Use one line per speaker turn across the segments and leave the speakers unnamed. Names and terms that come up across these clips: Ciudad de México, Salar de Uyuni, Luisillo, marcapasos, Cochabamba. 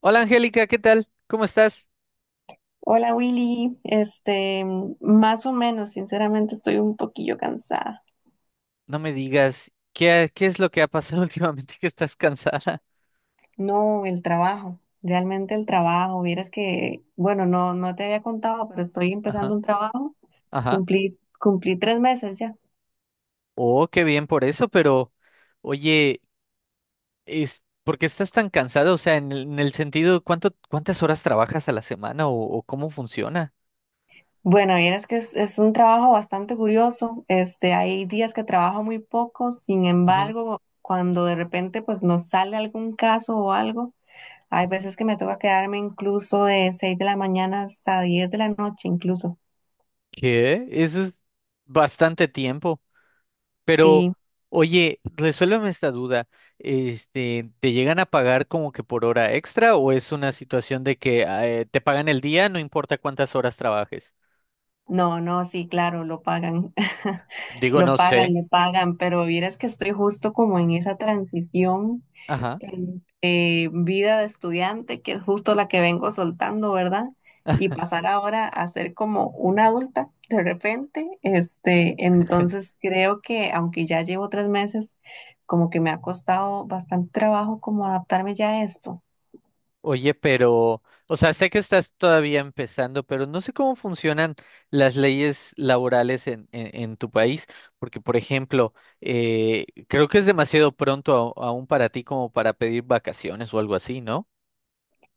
Hola Angélica, ¿qué tal? ¿Cómo estás?
Hola Willy, este, más o menos, sinceramente estoy un poquillo cansada.
No me digas, qué es lo que ha pasado últimamente que estás cansada?
No, el trabajo, realmente el trabajo. Vieras que, bueno, no, no te había contado, pero estoy
Ajá,
empezando un trabajo.
ajá.
Cumplí 3 meses ya.
Oh, qué bien por eso, pero oye, ¿por qué estás tan cansada? O sea, en el sentido, ¿cuántas horas trabajas a la semana o cómo funciona?
Bueno, vieras que es un trabajo bastante curioso. Este, hay días que trabajo muy poco, sin
Ujú,
embargo, cuando de repente pues nos sale algún caso o algo, hay
ujú.
veces que me toca quedarme incluso de 6 de la mañana hasta 10 de la noche incluso.
¿Qué? Eso es bastante tiempo. Pero,
Sí.
oye, resuélveme esta duda. ¿Te llegan a pagar como que por hora extra o es una situación de que te pagan el día, no importa cuántas horas trabajes?
No, no, sí, claro, lo pagan,
Digo, no
lo pagan,
sé.
le pagan, pero vieras que estoy justo como en esa transición
Ajá.
entre vida de estudiante, que es justo la que vengo soltando, ¿verdad? Y pasar ahora a ser como una adulta de repente, este, entonces creo que aunque ya llevo 3 meses, como que me ha costado bastante trabajo como adaptarme ya a esto.
Oye, pero, o sea, sé que estás todavía empezando, pero no sé cómo funcionan las leyes laborales en tu país, porque, por ejemplo, creo que es demasiado pronto aún para ti como para pedir vacaciones o algo así, ¿no?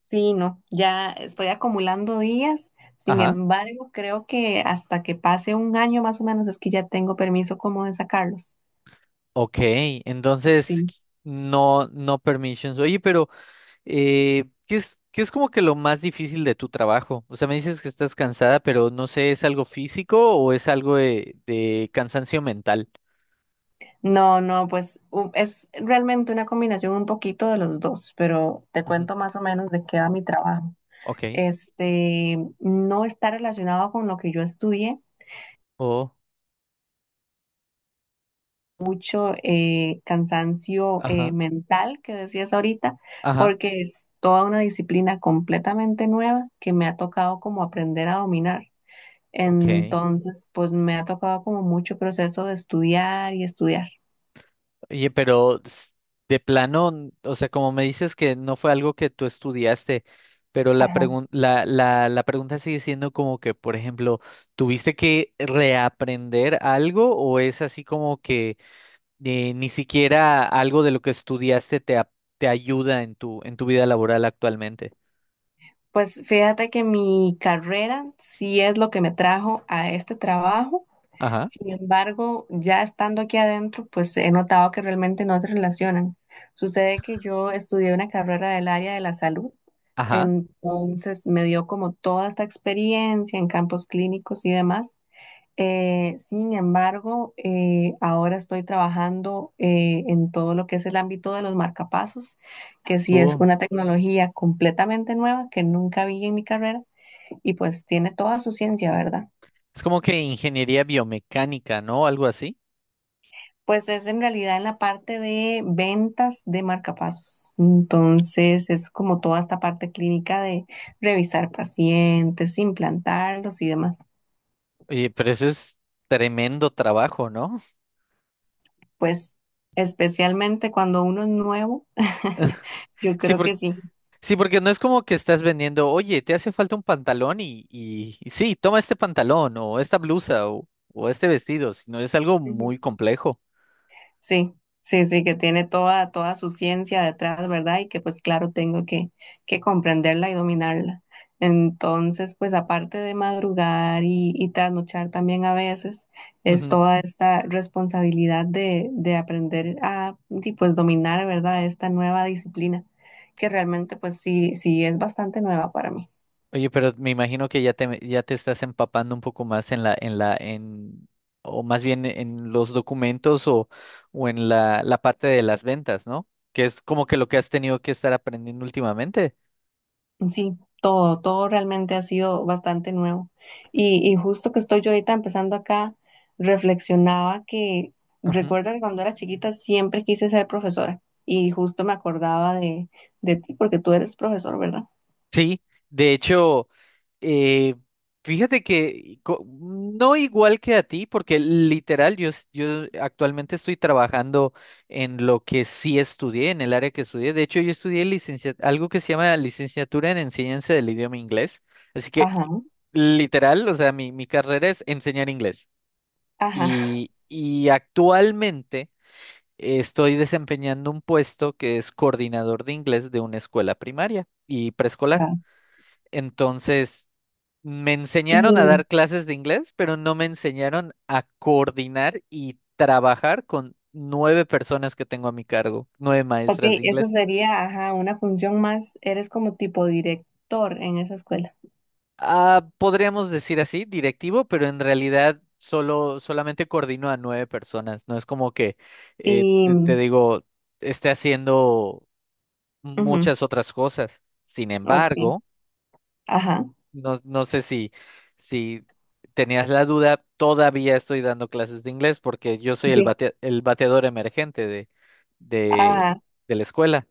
Sí, no, ya estoy acumulando días. Sin
Ajá.
embargo, creo que hasta que pase un año más o menos es que ya tengo permiso como de sacarlos.
Ok, entonces
Sí.
no, no permissions. Oye, pero qué es como que lo más difícil de tu trabajo? O sea, me dices que estás cansada, pero no sé, ¿es algo físico o es algo de cansancio mental?
No, no, pues es realmente una combinación un poquito de los dos, pero te
Ujú,
cuento más o menos de qué va mi trabajo.
ok.
Este, no está relacionado con lo que yo estudié,
Oh,
mucho cansancio
ajá,
mental que decías ahorita,
ajá,
porque es toda una disciplina completamente nueva que me ha tocado como aprender a dominar.
ok.
Entonces, pues me ha tocado como mucho proceso de estudiar y estudiar.
Oye, pero de plano, o sea, como me dices que no fue algo que tú estudiaste, pero la
Ajá.
pregun- la, la, la pregunta sigue siendo como que, por ejemplo, ¿tuviste que reaprender algo o es así como que ni siquiera algo de lo que estudiaste te ayuda en tu vida laboral actualmente?
Pues fíjate que mi carrera sí es lo que me trajo a este trabajo.
Ajá,
Sin embargo, ya estando aquí adentro, pues he notado que realmente no se relacionan. Sucede que yo estudié una carrera del área de la salud,
ajá.
entonces me dio como toda esta experiencia en campos clínicos y demás. Sin embargo, ahora estoy trabajando en todo lo que es el ámbito de los marcapasos, que sí es
Oh.
una tecnología completamente nueva que nunca vi en mi carrera y pues tiene toda su ciencia, ¿verdad?
Es como que ingeniería biomecánica, ¿no? Algo así.
Pues es en realidad en la parte de ventas de marcapasos. Entonces es como toda esta parte clínica de revisar pacientes, implantarlos y demás.
Oye, pero eso es tremendo trabajo, ¿no?
Pues especialmente cuando uno es nuevo, yo
Sí,
creo
porque
que sí.
sí, porque no es como que estás vendiendo, oye, te hace falta un pantalón y sí, toma este pantalón o esta blusa o este vestido, sino es algo muy complejo.
Sí, sí, sí, que tiene toda, toda su ciencia detrás, ¿verdad? Y que pues claro, tengo que comprenderla y dominarla. Entonces, pues aparte de madrugar y trasnochar también a veces, es
Ujú.
toda esta responsabilidad de aprender a y pues dominar, ¿verdad? Esta nueva disciplina, que realmente pues sí, sí es bastante nueva para mí.
Oye, pero me imagino que ya ya te estás empapando un poco más o más bien en los documentos o en la parte de las ventas, ¿no? Que es como que lo que has tenido que estar aprendiendo últimamente.
Sí, todo, todo realmente ha sido bastante nuevo. Y justo que estoy yo ahorita empezando acá, reflexionaba que recuerdo que cuando era chiquita siempre quise ser profesora y justo me acordaba de ti porque tú eres profesor, ¿verdad?
Sí, de hecho, eh, fíjate que no igual que a ti, porque literal yo, yo actualmente estoy trabajando en lo que sí estudié, en el área que estudié. De hecho, yo estudié algo que se llama licenciatura en enseñanza del idioma inglés. Así que
Ajá,
literal, o sea, mi carrera es enseñar inglés.
ajá.
Y actualmente estoy desempeñando un puesto que es coordinador de inglés de una escuela primaria y preescolar.
Ajá.
Entonces, me enseñaron a
Y,
dar clases de inglés, pero no me enseñaron a coordinar y trabajar con nueve personas que tengo a mi cargo, nueve
ok,
maestras de
eso
inglés.
sería, ajá, una función más, eres como tipo director en esa escuela.
Ah, podríamos decir así, directivo, pero en realidad solamente coordino a nueve personas. No es como que eh,
Y,
te, te digo, esté haciendo
ujú.
muchas otras cosas. Sin
Ok,
embargo,
ajá,
no, no sé si tenías la duda, todavía estoy dando clases de inglés porque yo soy
sí.
el bateador emergente
Ah,
de, de la escuela.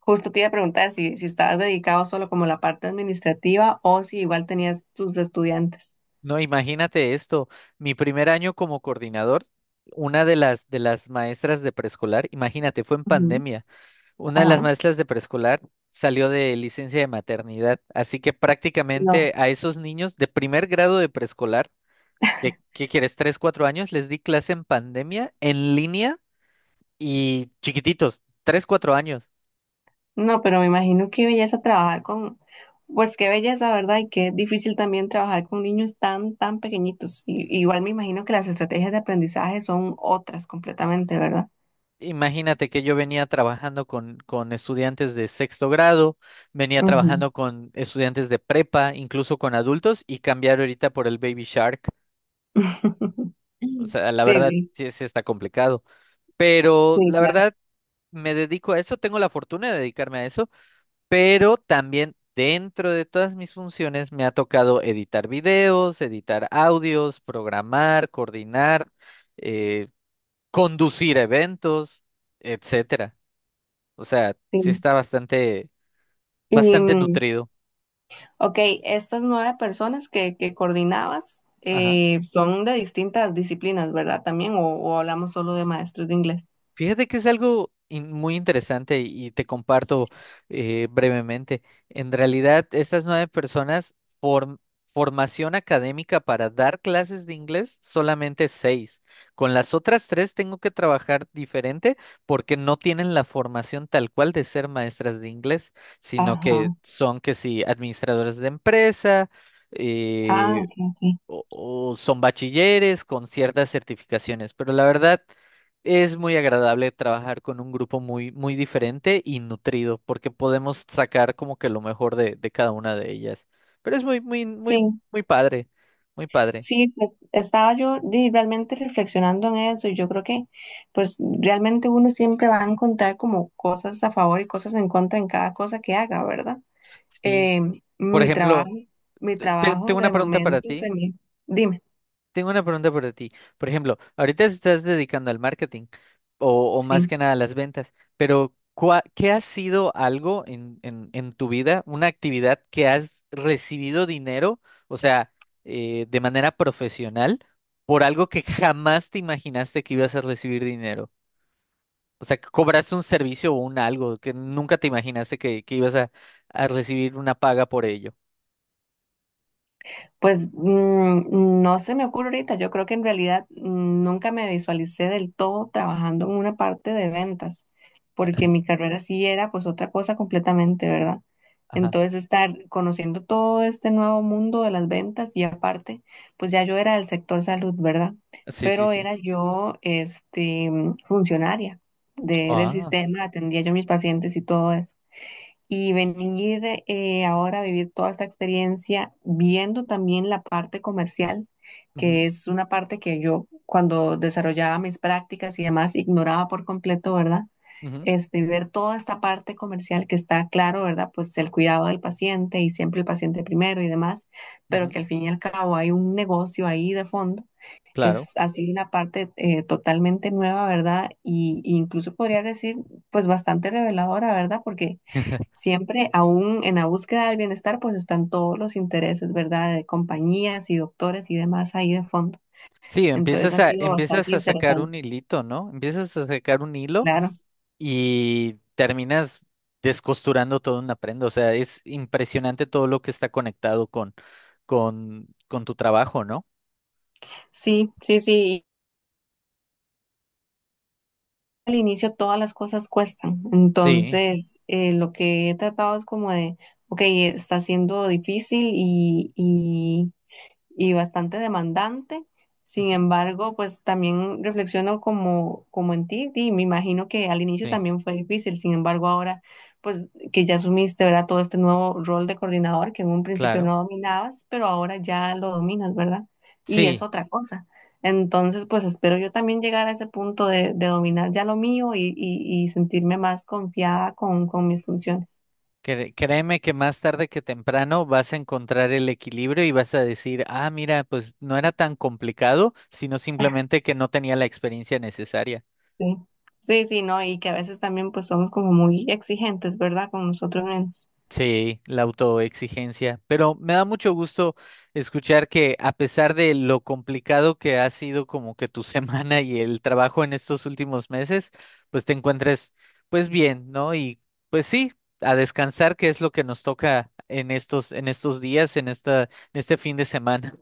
justo te iba a preguntar si, si estabas dedicado solo como a la parte administrativa o si igual tenías tus estudiantes.
No, imagínate esto, mi primer año como coordinador, una de las maestras de preescolar, imagínate, fue en
Ujú.
pandemia, una de las
Ajá,
maestras de preescolar salió de licencia de maternidad, así que
no.
prácticamente a esos niños de primer grado de preescolar, ¿qué, qué quieres? ¿Tres, cuatro años? Les di clase en pandemia, en línea y chiquititos, tres, cuatro años.
No, pero me imagino qué belleza trabajar con, pues qué belleza, ¿verdad? Y qué difícil también trabajar con niños tan, tan pequeñitos. Y- igual me imagino que las estrategias de aprendizaje son otras completamente, ¿verdad?
Imagínate que yo venía trabajando con estudiantes de sexto grado, venía
Ujú.
trabajando con estudiantes de prepa, incluso con adultos, y cambiar ahorita por el Baby Shark. O sea, la
Sí,
verdad
sí,
sí está complicado. Pero
sí,
la
claro.
verdad me dedico a eso, tengo la fortuna de dedicarme a eso, pero también dentro de todas mis funciones me ha tocado editar videos, editar audios, programar, coordinar eh, conducir eventos, etcétera. O sea, sí
Sí.
está bastante,
Y,
bastante nutrido.
ok, estas nueve personas que coordinabas
Ajá.
son de distintas disciplinas, ¿verdad? También, o hablamos solo de maestros de inglés.
Fíjate que es algo muy interesante y te comparto brevemente. En realidad, estas nueve personas, form- formación académica para dar clases de inglés, solamente seis. Con las otras tres tengo que trabajar diferente porque no tienen la formación tal cual de ser maestras de inglés, sino
Ajá.
que son que sí, administradores de empresa,
Ah,
eh,
ok, ok.
o son bachilleres con ciertas certificaciones, pero la verdad es muy agradable trabajar con un grupo muy, muy diferente y nutrido, porque podemos sacar como que lo mejor de cada una de ellas. Pero es muy, muy, muy,
Sí,
muy padre, muy padre.
sí, pues estaba yo realmente reflexionando en eso y yo creo que pues realmente uno siempre va a encontrar como cosas a favor y cosas en contra en cada cosa que haga, ¿verdad?
Sí.
Eh,
Por
mi trabajo,
ejemplo,
mi trabajo
tengo una
de
pregunta para
momento
ti.
se me... Dime,
Tengo una pregunta para ti. Por ejemplo, ahorita estás dedicando al marketing o más
sí.
que nada a las ventas, pero ¿qué ha sido algo en tu vida, una actividad que has recibido dinero, o sea, de manera profesional, por algo que jamás te imaginaste que ibas a recibir dinero? O sea, que cobraste un servicio o un algo que nunca te imaginaste que ibas a recibir una paga por ello.
Pues no se me ocurre ahorita. Yo creo que en realidad nunca me visualicé del todo trabajando en una parte de ventas, porque mi carrera sí era pues otra cosa completamente, ¿verdad?
Ajá.
Entonces estar conociendo todo este nuevo mundo de las ventas y aparte, pues ya yo era del sector salud, ¿verdad?
Sí, sí,
Pero
sí.
era yo este funcionaria del
Ah.
sistema, atendía yo mis pacientes y todo eso y venir ahora a vivir toda esta experiencia, viendo también la parte comercial,
Ujú,
que es una parte que yo cuando desarrollaba mis prácticas y demás ignoraba por completo, ¿verdad?
ujú,
Este, ver toda esta parte comercial que está claro, ¿verdad? Pues el cuidado del paciente y siempre el paciente primero y demás, pero
ujú,
que al fin y al cabo hay un negocio ahí de fondo
claro.
es así una parte totalmente nueva, ¿verdad? Y incluso podría decir, pues bastante reveladora, ¿verdad? Porque siempre, aún en la búsqueda del bienestar, pues están todos los intereses, ¿verdad? De compañías y doctores y demás ahí de fondo.
Sí,
Entonces
empiezas
ha
a,
sido bastante
empiezas a sacar
interesante,
un hilito, ¿no? Empiezas a sacar un hilo
claro.
y terminas descosturando toda una prenda. O sea, es impresionante todo lo que está conectado con tu trabajo, ¿no?
Sí, sí, sí. Al inicio todas las cosas cuestan.
Sí,
Entonces, lo que he tratado es como de, ok, está siendo difícil y bastante demandante. Sin
ujú,
embargo, pues también reflexiono como, como en ti y me imagino que al inicio
sí,
también fue difícil. Sin embargo, ahora pues que ya asumiste, ¿verdad? Todo este nuevo rol de coordinador que en un principio
claro.
no dominabas, pero ahora ya lo dominas, ¿verdad? Y es
Sí,
otra cosa. Entonces, pues espero yo también llegar a ese punto de dominar ya lo mío y sentirme más confiada con mis funciones.
créeme que más tarde que temprano vas a encontrar el equilibrio y vas a decir, ah, mira, pues no era tan complicado, sino simplemente que no tenía la experiencia necesaria.
Sí, sí, sí, no, y que a veces también pues somos como muy exigentes, ¿verdad? Con nosotros mismos.
Sí, la autoexigencia. Pero me da mucho gusto escuchar que a pesar de lo complicado que ha sido como que tu semana y el trabajo en estos últimos meses, pues te encuentres pues bien, ¿no? Y pues sí, a descansar, que es lo que nos toca en estos días, en esta, en este fin de semana.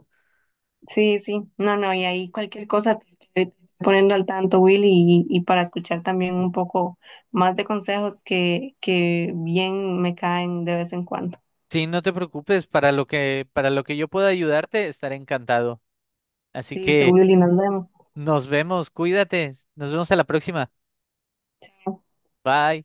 Sí, sí, no, no, y ahí cualquier cosa te estoy poniendo al tanto, Willy, y para escuchar también un poco más de consejos que bien me caen de vez en cuando.
Sí, no te preocupes, para lo que yo pueda ayudarte, estaré encantado. Así
Listo,
que
Willy, nos vemos.
nos vemos, cuídate, nos vemos a la próxima. Bye.